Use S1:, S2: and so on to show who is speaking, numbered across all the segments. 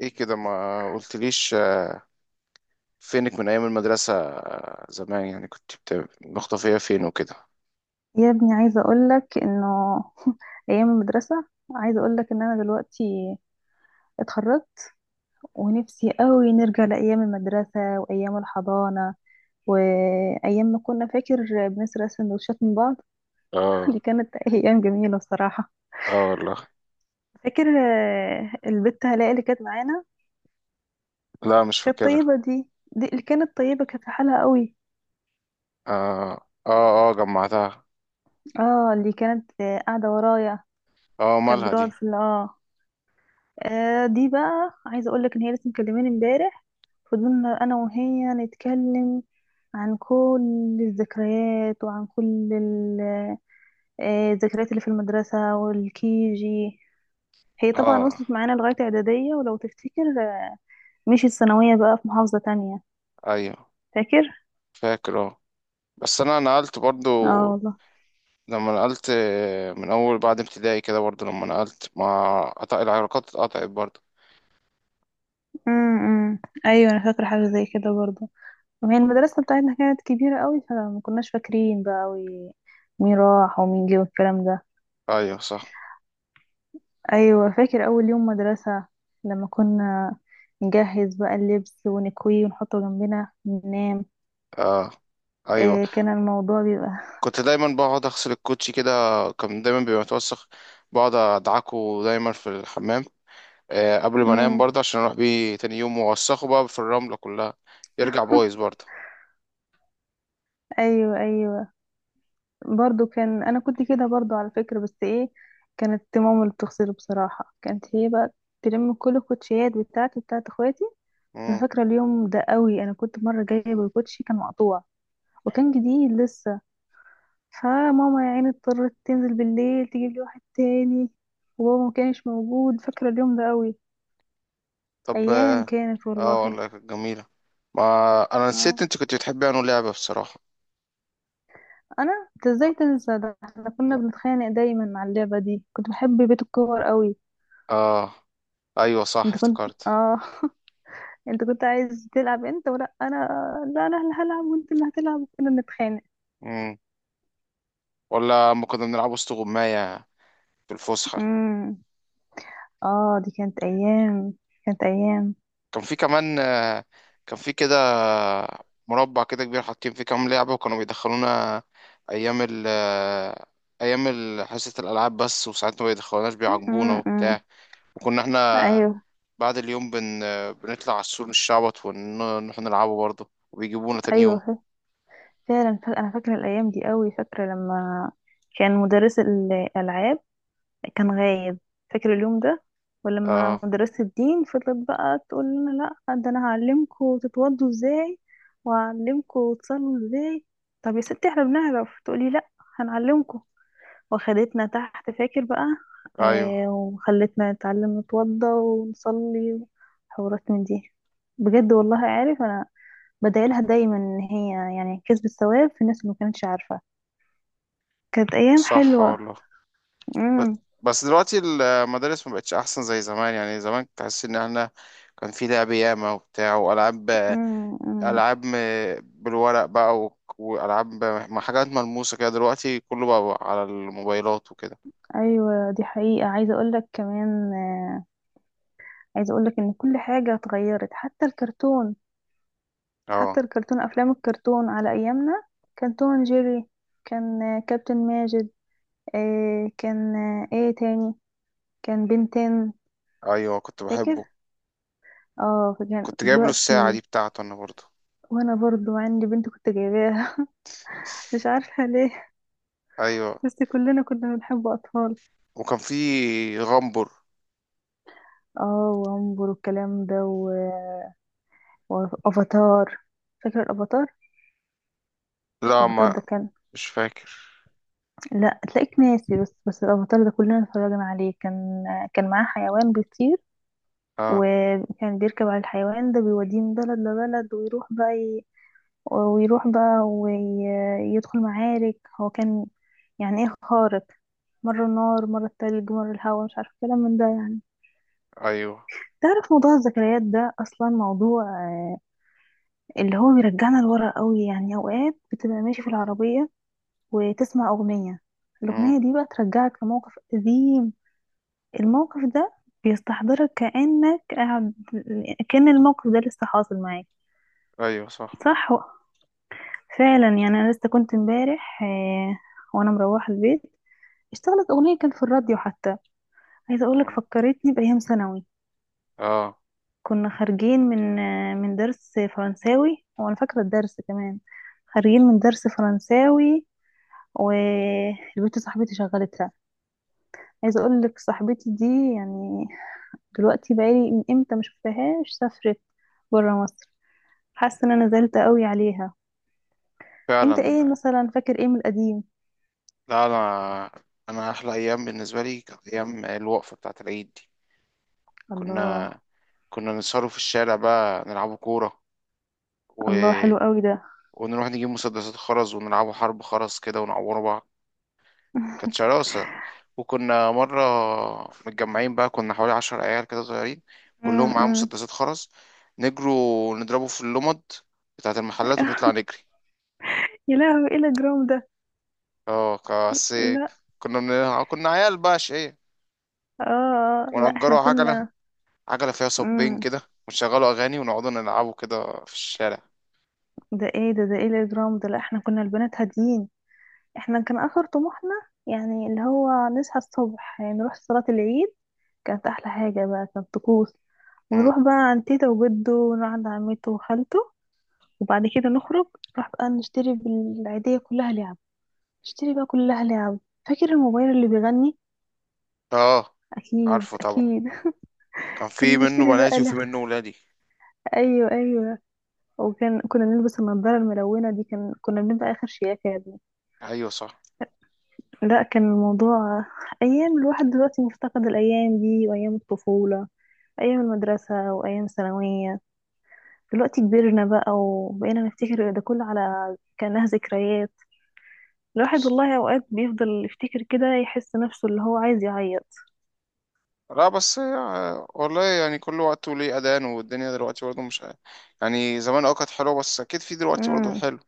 S1: ايه كده؟ ما قلتليش. فينك من ايام المدرسة؟ زمان يعني كنت مختفية فين وكده.
S2: يا ابني، عايزة أقولك إنه أيام المدرسة، عايزة أقولك إن أنا دلوقتي اتخرجت، ونفسي قوي نرجع لأيام المدرسة وأيام الحضانة، وأيام ما كنا فاكر بنسرق سندوتشات من بعض.
S1: اه.
S2: دي كانت أيام جميلة الصراحة.
S1: اه والله.
S2: فاكر، البت هلاء اللي كانت معانا،
S1: لا، مش
S2: كانت
S1: فاكرها.
S2: طيبة. دي اللي كانت طيبة، كانت في حالها قوي.
S1: اه اه اه، جمعتها.
S2: اه، اللي كانت قاعدة ورايا،
S1: اه،
S2: كانت
S1: مالها دي؟
S2: بتقعد في دي بقى عايزه اقول لك ان هي لسه مكلماني امبارح، فضلنا انا وهي نتكلم عن كل الذكريات وعن كل الذكريات اللي في المدرسه والكيجي. هي طبعا
S1: اه
S2: وصلت معانا لغايه اعداديه، ولو تفتكر, مشيت ثانويه بقى في محافظه تانية.
S1: ايوه،
S2: فاكر.
S1: فاكر. اه. بس انا نقلت برضو،
S2: اه والله.
S1: لما نقلت من اول بعد ابتدائي كده برضو، لما نقلت ما قطع العلاقات اتقطعت برضو.
S2: امم ايوه، انا فاكره حاجه زي كده برضه، وهي المدرسه بتاعتنا كانت كبيره قوي، فما كناش فاكرين بقى قوي مين راح ومين جه والكلام ده.
S1: ايوه صح.
S2: ايوه، فاكر اول يوم مدرسة لما كنا نجهز بقى اللبس ونكويه ونحطه جنبنا وننام.
S1: اه ايوه.
S2: إيه كان الموضوع بيبقى!
S1: كنت دايما بقعد اغسل الكوتشي كده، كان دايما بيبقى متوسخ. بقعد ادعكه دايما في الحمام قبل ما انام
S2: امم.
S1: برضه عشان اروح بيه تاني يوم واوسخه بقى في الرملة كلها. يرجع بايظ برضه.
S2: ايوه، ايوه، برضو كان انا كنت كده برضو على فكرة، بس ايه، كانت ماما اللي بتغسله بصراحة، كانت هي بقى تلم كل الكوتشيات بتاعتي بتاعت اخواتي. انا
S1: مم.
S2: فاكرة اليوم ده قوي، انا كنت مرة جايبة الكوتشي كان مقطوع، وكان جديد لسه، فماما يا عيني اضطرت تنزل بالليل تجيب لي واحد تاني، وبابا ما كانش موجود. فاكرة اليوم ده قوي،
S1: طب
S2: ايام
S1: اه.
S2: كانت والله.
S1: والله كانت جميلة. ما انا
S2: اه،
S1: نسيت انت كنت بتحبي انه لعبة بصراحة.
S2: انا انت ازاي تنسى ده! احنا كنا بنتخانق دايما مع اللعبة دي، كنت بحب بيت الكور قوي.
S1: اه ايوه صح،
S2: انت كنت،
S1: افتكرت.
S2: اه. انت كنت عايز تلعب انت ولا انا؟ لا، انا اللي هلعب وانت اللي هتلعب، وكنا بنتخانق.
S1: مم. ولا اما كنا بنلعب وسط غماية في الفسحة.
S2: امم. اه، دي كانت ايام، كانت ايام.
S1: كان في كمان كان في كده مربع كده كبير حاطين فيه كام لعبة وكانوا بيدخلونا. أيام ال آه، أيام ال- حصة الألعاب بس، وساعات ما بيدخلوناش بيعاقبونا وبتاع.
S2: امم.
S1: وكنا احنا
S2: ايوه
S1: بعد اليوم بن آه، بنطلع على السور نشعبط ونروح نلعبه برضه وبيجيبونا تاني يوم.
S2: ايوه. فعلا انا فاكره الايام دي قوي. فاكره لما كان مدرس الالعاب كان غايب، فاكره اليوم ده، ولما
S1: اه
S2: مدرسه الدين فضلت بقى تقول لنا: لا، ده انا هعلمكم تتوضوا ازاي وهعلمكم تصلوا ازاي. طب يا ستي احنا بنعرف، تقولي لا، هنعلمكم. وخدتنا تحت، فاكر بقى.
S1: أيوه
S2: آه، وخلتنا نتعلم نتوضى ونصلي وحوارات من دي. بجد والله، عارف انا بدايلها دايما ان هي يعني كسبت ثواب في الناس اللي ما كانتش عارفة. كانت ايام
S1: صح
S2: حلوة.
S1: والله. ب-
S2: امم.
S1: بس دلوقتي المدارس ما بقتش أحسن زي زمان، يعني زمان تحس إن احنا كان في لعب ياما وبتاع وألعاب.
S2: امم. أمم.
S1: العاب بالورق بقى والعاب حاجات ملموسه كده، دلوقتي كله بقى على الموبايلات وكده.
S2: ايوه دي حقيقة. عايزة اقول لك كمان, عايزة اقول لك ان كل حاجة اتغيرت حتى الكرتون.
S1: اه
S2: حتى الكرتون، افلام الكرتون على ايامنا، كان توم أند جيري، كان كابتن ماجد، كان ايه تاني، كان بنتين.
S1: ايوه، كنت
S2: فاكر؟
S1: بحبه.
S2: اه، كان
S1: كنت جايب له الساعه
S2: دلوقتي
S1: دي بتاعته انا برضه.
S2: وانا برضو عندي بنت كنت جايباها، مش عارفة ليه،
S1: ايوه.
S2: بس كلنا كنا بنحب أطفال.
S1: وكان في غمبر.
S2: اه وامبر والكلام ده وافاتار. فاكر الافاتار؟
S1: لا
S2: الافاتار
S1: ما
S2: ده كان،
S1: مش فاكر.
S2: لا تلاقيك ناسي، بس الافاتار ده كلنا اتفرجنا عليه. كان كان معاه حيوان بيطير،
S1: اه
S2: وكان بيركب على الحيوان ده، بيوديه من بلد لبلد، ويروح بقى ويروح بقى ويدخل معارك. هو كان يعني ايه، خارق، مرة النار مرة التلج مرة الهواء، مش عارفة كلام من ده يعني.
S1: ايوه.
S2: تعرف موضوع الذكريات ده أصلا موضوع آه، اللي هو بيرجعنا لورا قوي. يعني اوقات بتبقى ماشي في العربية وتسمع اغنية،
S1: امم.
S2: الاغنية دي بقى ترجعك لموقف قديم، الموقف ده بيستحضرك كأنك قاعد، كأن الموقف ده لسه حاصل معاك.
S1: ايوه صح.
S2: صح، فعلا. يعني انا لسه كنت امبارح, وانا مروحة البيت، اشتغلت اغنية كان في الراديو حتى، عايزة اقولك
S1: مم.
S2: فكرتني بايام ثانوي.
S1: اه
S2: كنا خارجين من من درس فرنساوي، وانا فاكرة الدرس كمان، خارجين من درس فرنساوي، والبنت صاحبتي شغلتها. عايزه اقول لك صاحبتي دي يعني دلوقتي بقالي من امتى ما شفتهاش، سافرت بره مصر. حاسه ان انا زعلت قوي عليها. انت ايه
S1: فعلا.
S2: مثلا فاكر ايه من القديم؟
S1: لا، انا احلى ايام بالنسبه لي كانت ايام الوقفه بتاعه العيد دي.
S2: الله.
S1: كنا كنا نسهروا في الشارع بقى نلعبوا كوره، و
S2: الله حلو قوي ده.
S1: ونروح نجيب مسدسات خرز ونلعبوا حرب خرز كده ونعوروا بعض. كانت شراسة. وكنا مرة متجمعين بقى، كنا حوالي عشر عيال كده صغيرين، كلهم معاهم
S2: امم.
S1: مسدسات خرز. نجروا ونضربوا في اللمض بتاعة المحلات ونطلع نجري.
S2: يا لهوي، ايه الاجرام ده!
S1: اه بس
S2: لا.
S1: كنا عيال بقى شقية.
S2: اه، لا احنا
S1: ونأجروا عجلة،
S2: كنا.
S1: عجلة فيها صبين
S2: امم.
S1: كده، ونشغلوا أغاني ونقعدوا نلعبوا كده في الشارع.
S2: ده ايه ده ايه الاجرام ده! لا، احنا كنا البنات هاديين. احنا كان اخر طموحنا يعني اللي هو نصحى الصبح يعني نروح صلاة العيد، كانت احلى حاجة بقى، كانت طقوس.
S1: مم.
S2: ونروح بقى عند تيتا وجده، ونروح عند عمته وخالته، وبعد كده نخرج نروح بقى نشتري بالعيدية كلها لعب، نشتري بقى كلها لعب. فاكر الموبايل اللي بيغني؟
S1: اه
S2: اكيد
S1: عارفه طبعا،
S2: اكيد.
S1: كان في
S2: كنا
S1: منه
S2: نشتري
S1: بناتي
S2: بقى
S1: وفي
S2: له.
S1: منه ولادي.
S2: ايوه ايوه، وكان كنا نلبس النضاره الملونه دي، كان كنا بنبقى اخر شياكه يا ابني.
S1: ايوه صح.
S2: لا كان الموضوع، ايام الواحد دلوقتي مفتقد الايام دي وايام الطفوله، أيام المدرسة وأيام الثانوية. دلوقتي كبرنا بقى، وبقينا نفتكر ده كله على كأنها ذكريات. الواحد والله أوقات بيفضل يفتكر كده، يحس نفسه اللي هو عايز يعيط.
S1: لا بس هي والله، يعني كل وقت وليه أذان، والدنيا دلوقتي برضه مش، يعني زمان اه كانت حلوة، بس أكيد في دلوقتي برضه
S2: امم.
S1: حلو.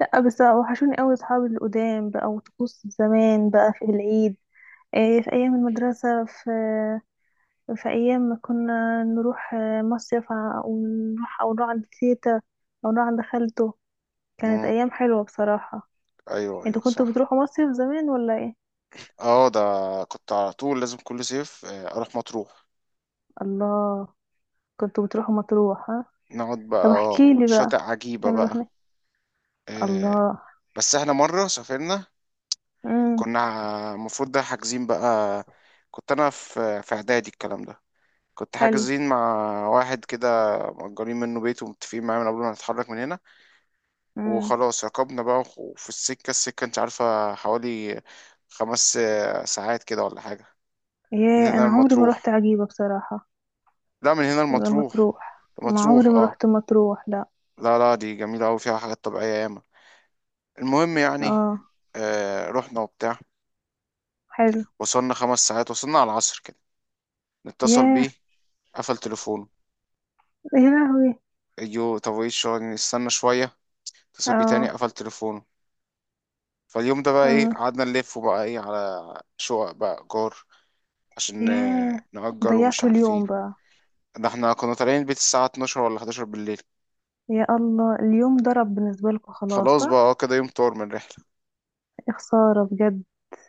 S2: لأ بس وحشوني أوي صحابي القدام بقى، وطقوس زمان بقى في العيد. إيه، في أيام المدرسة، في أيام ما كنا نروح مصيف ونروح، أو نروح عند تيتا، أو نروح عند خالته. كانت
S1: مم.
S2: أيام حلوة بصراحة.
S1: أيوه أيوه
S2: انتوا كنتوا
S1: صح.
S2: بتروحوا مصيف زمان ولا ايه؟
S1: اه، ده كنت على طول لازم كل صيف أروح مطروح.
S2: الله. كنتوا بتروحوا مطروح، ها؟
S1: نقعد بقى
S2: طب احكي
S1: اه
S2: لي بقى
S1: شاطئ عجيبة
S2: بتعملوا
S1: بقى.
S2: هناك.
S1: آه،
S2: الله.
S1: بس احنا مرة سافرنا،
S2: امم.
S1: كنا المفروض ده حاجزين بقى، كنت أنا في إعدادي الكلام ده، كنت
S2: حلو.
S1: حاجزين مع واحد كده مأجرين منه بيت ومتفقين معاه من قبل ما نتحرك من هنا.
S2: امم.
S1: وخلاص ركبنا بقى وفي السكة، السكة انت عارفة حوالي خمس ساعات كده ولا حاجة. من
S2: ياه،
S1: هنا
S2: انا عمري ما روحت
S1: المطروح؟
S2: عجيبة بصراحة.
S1: لا، من هنا
S2: لما
S1: المطروح.
S2: تروح، ما
S1: مطروح
S2: عمري ما
S1: اه.
S2: روحت مطروح لا.
S1: لا لا، دي جميلة أوي فيها حاجات طبيعية ياما. المهم يعني
S2: اه.
S1: آه رحنا وبتاع.
S2: حلو.
S1: وصلنا خمس ساعات، وصلنا على العصر كده. نتصل بيه،
S2: ياه.
S1: قفل تليفونه.
S2: يا لهوي.
S1: ايوه طب ايه الشغل، نستنى شوية. اتصل بيه تاني،
S2: اه.
S1: قفل تليفونه. فاليوم ده بقى ايه،
S2: امم.
S1: قعدنا نلف بقى ايه على شقق بقى ايجار عشان
S2: ياه،
S1: نأجر ومش
S2: ضيعتوا
S1: عارفين.
S2: اليوم بقى.
S1: ده احنا كنا طالعين البيت الساعة 12 ولا 11 بالليل.
S2: يا الله، اليوم ضرب بالنسبة لكم خلاص،
S1: خلاص بقى اه،
S2: صح.
S1: كده يوم طار من الرحلة.
S2: يا خسارة بجد.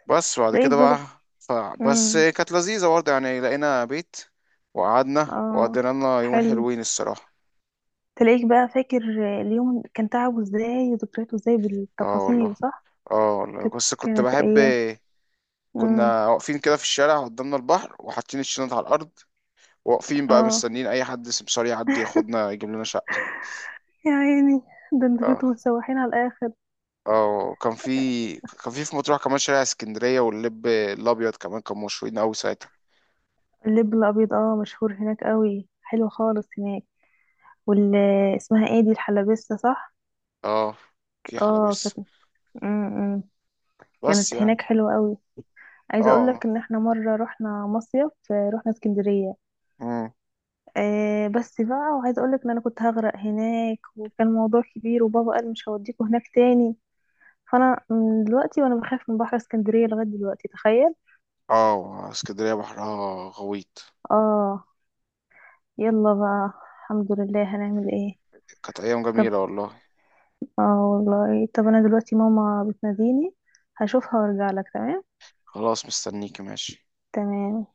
S1: بس بعد
S2: تلاقيك
S1: كده بقى
S2: بقى.
S1: ف... بس
S2: امم.
S1: كانت لذيذة برضه، يعني لقينا بيت وقعدنا
S2: اه.
S1: وقضينا لنا يومين
S2: حلو.
S1: حلوين الصراحة.
S2: تلاقيك بقى فاكر اليوم كان تعبه ازاي وذكرياته ازاي
S1: اه والله.
S2: بالتفاصيل، صح.
S1: اه والله
S2: كانت
S1: بس كنت
S2: كانت
S1: بحب.
S2: ايام. امم.
S1: كنا واقفين كده في الشارع، قدامنا البحر وحاطين الشنط على الأرض، واقفين بقى
S2: اه.
S1: مستنيين أي حد سمسار يعدي ياخدنا يجيب لنا شقة.
S2: يا عيني، ده انتوا
S1: اه.
S2: كنتوا مسوحين على الاخر.
S1: اه كان في، كان في مطروح كمان شارع اسكندرية واللب الأبيض كمان كانوا مشهورين أوي ساعتها.
S2: اللب الابيض، اه مشهور هناك قوي، حلو خالص هناك. وال، اسمها ايه دي، الحلبسه، صح.
S1: اه في
S2: اه
S1: حلبس.
S2: كانت. امم.
S1: بس
S2: كانت
S1: يعني
S2: هناك حلوه قوي. عايزه اقول
S1: اه.
S2: لك ان احنا مره رحنا مصيف, رحنا اسكندريه.
S1: امم.
S2: آه بس بقى، وعايزه اقول لك ان انا كنت هغرق هناك، وكان موضوع كبير، وبابا قال مش هوديكوا هناك تاني، فانا من دلوقتي وانا بخاف من بحر اسكندرية لغاية دلوقتي، تخيل.
S1: اه اسكندرية بحرها غويط.
S2: اه. يلا بقى الحمد لله هنعمل ايه.
S1: كانت أيام
S2: طب
S1: جميلة والله.
S2: اه والله، طب انا دلوقتي ماما بتناديني، هشوفها وارجع لك، تمام.
S1: خلاص، مستنيكي ماشي.
S2: تمام.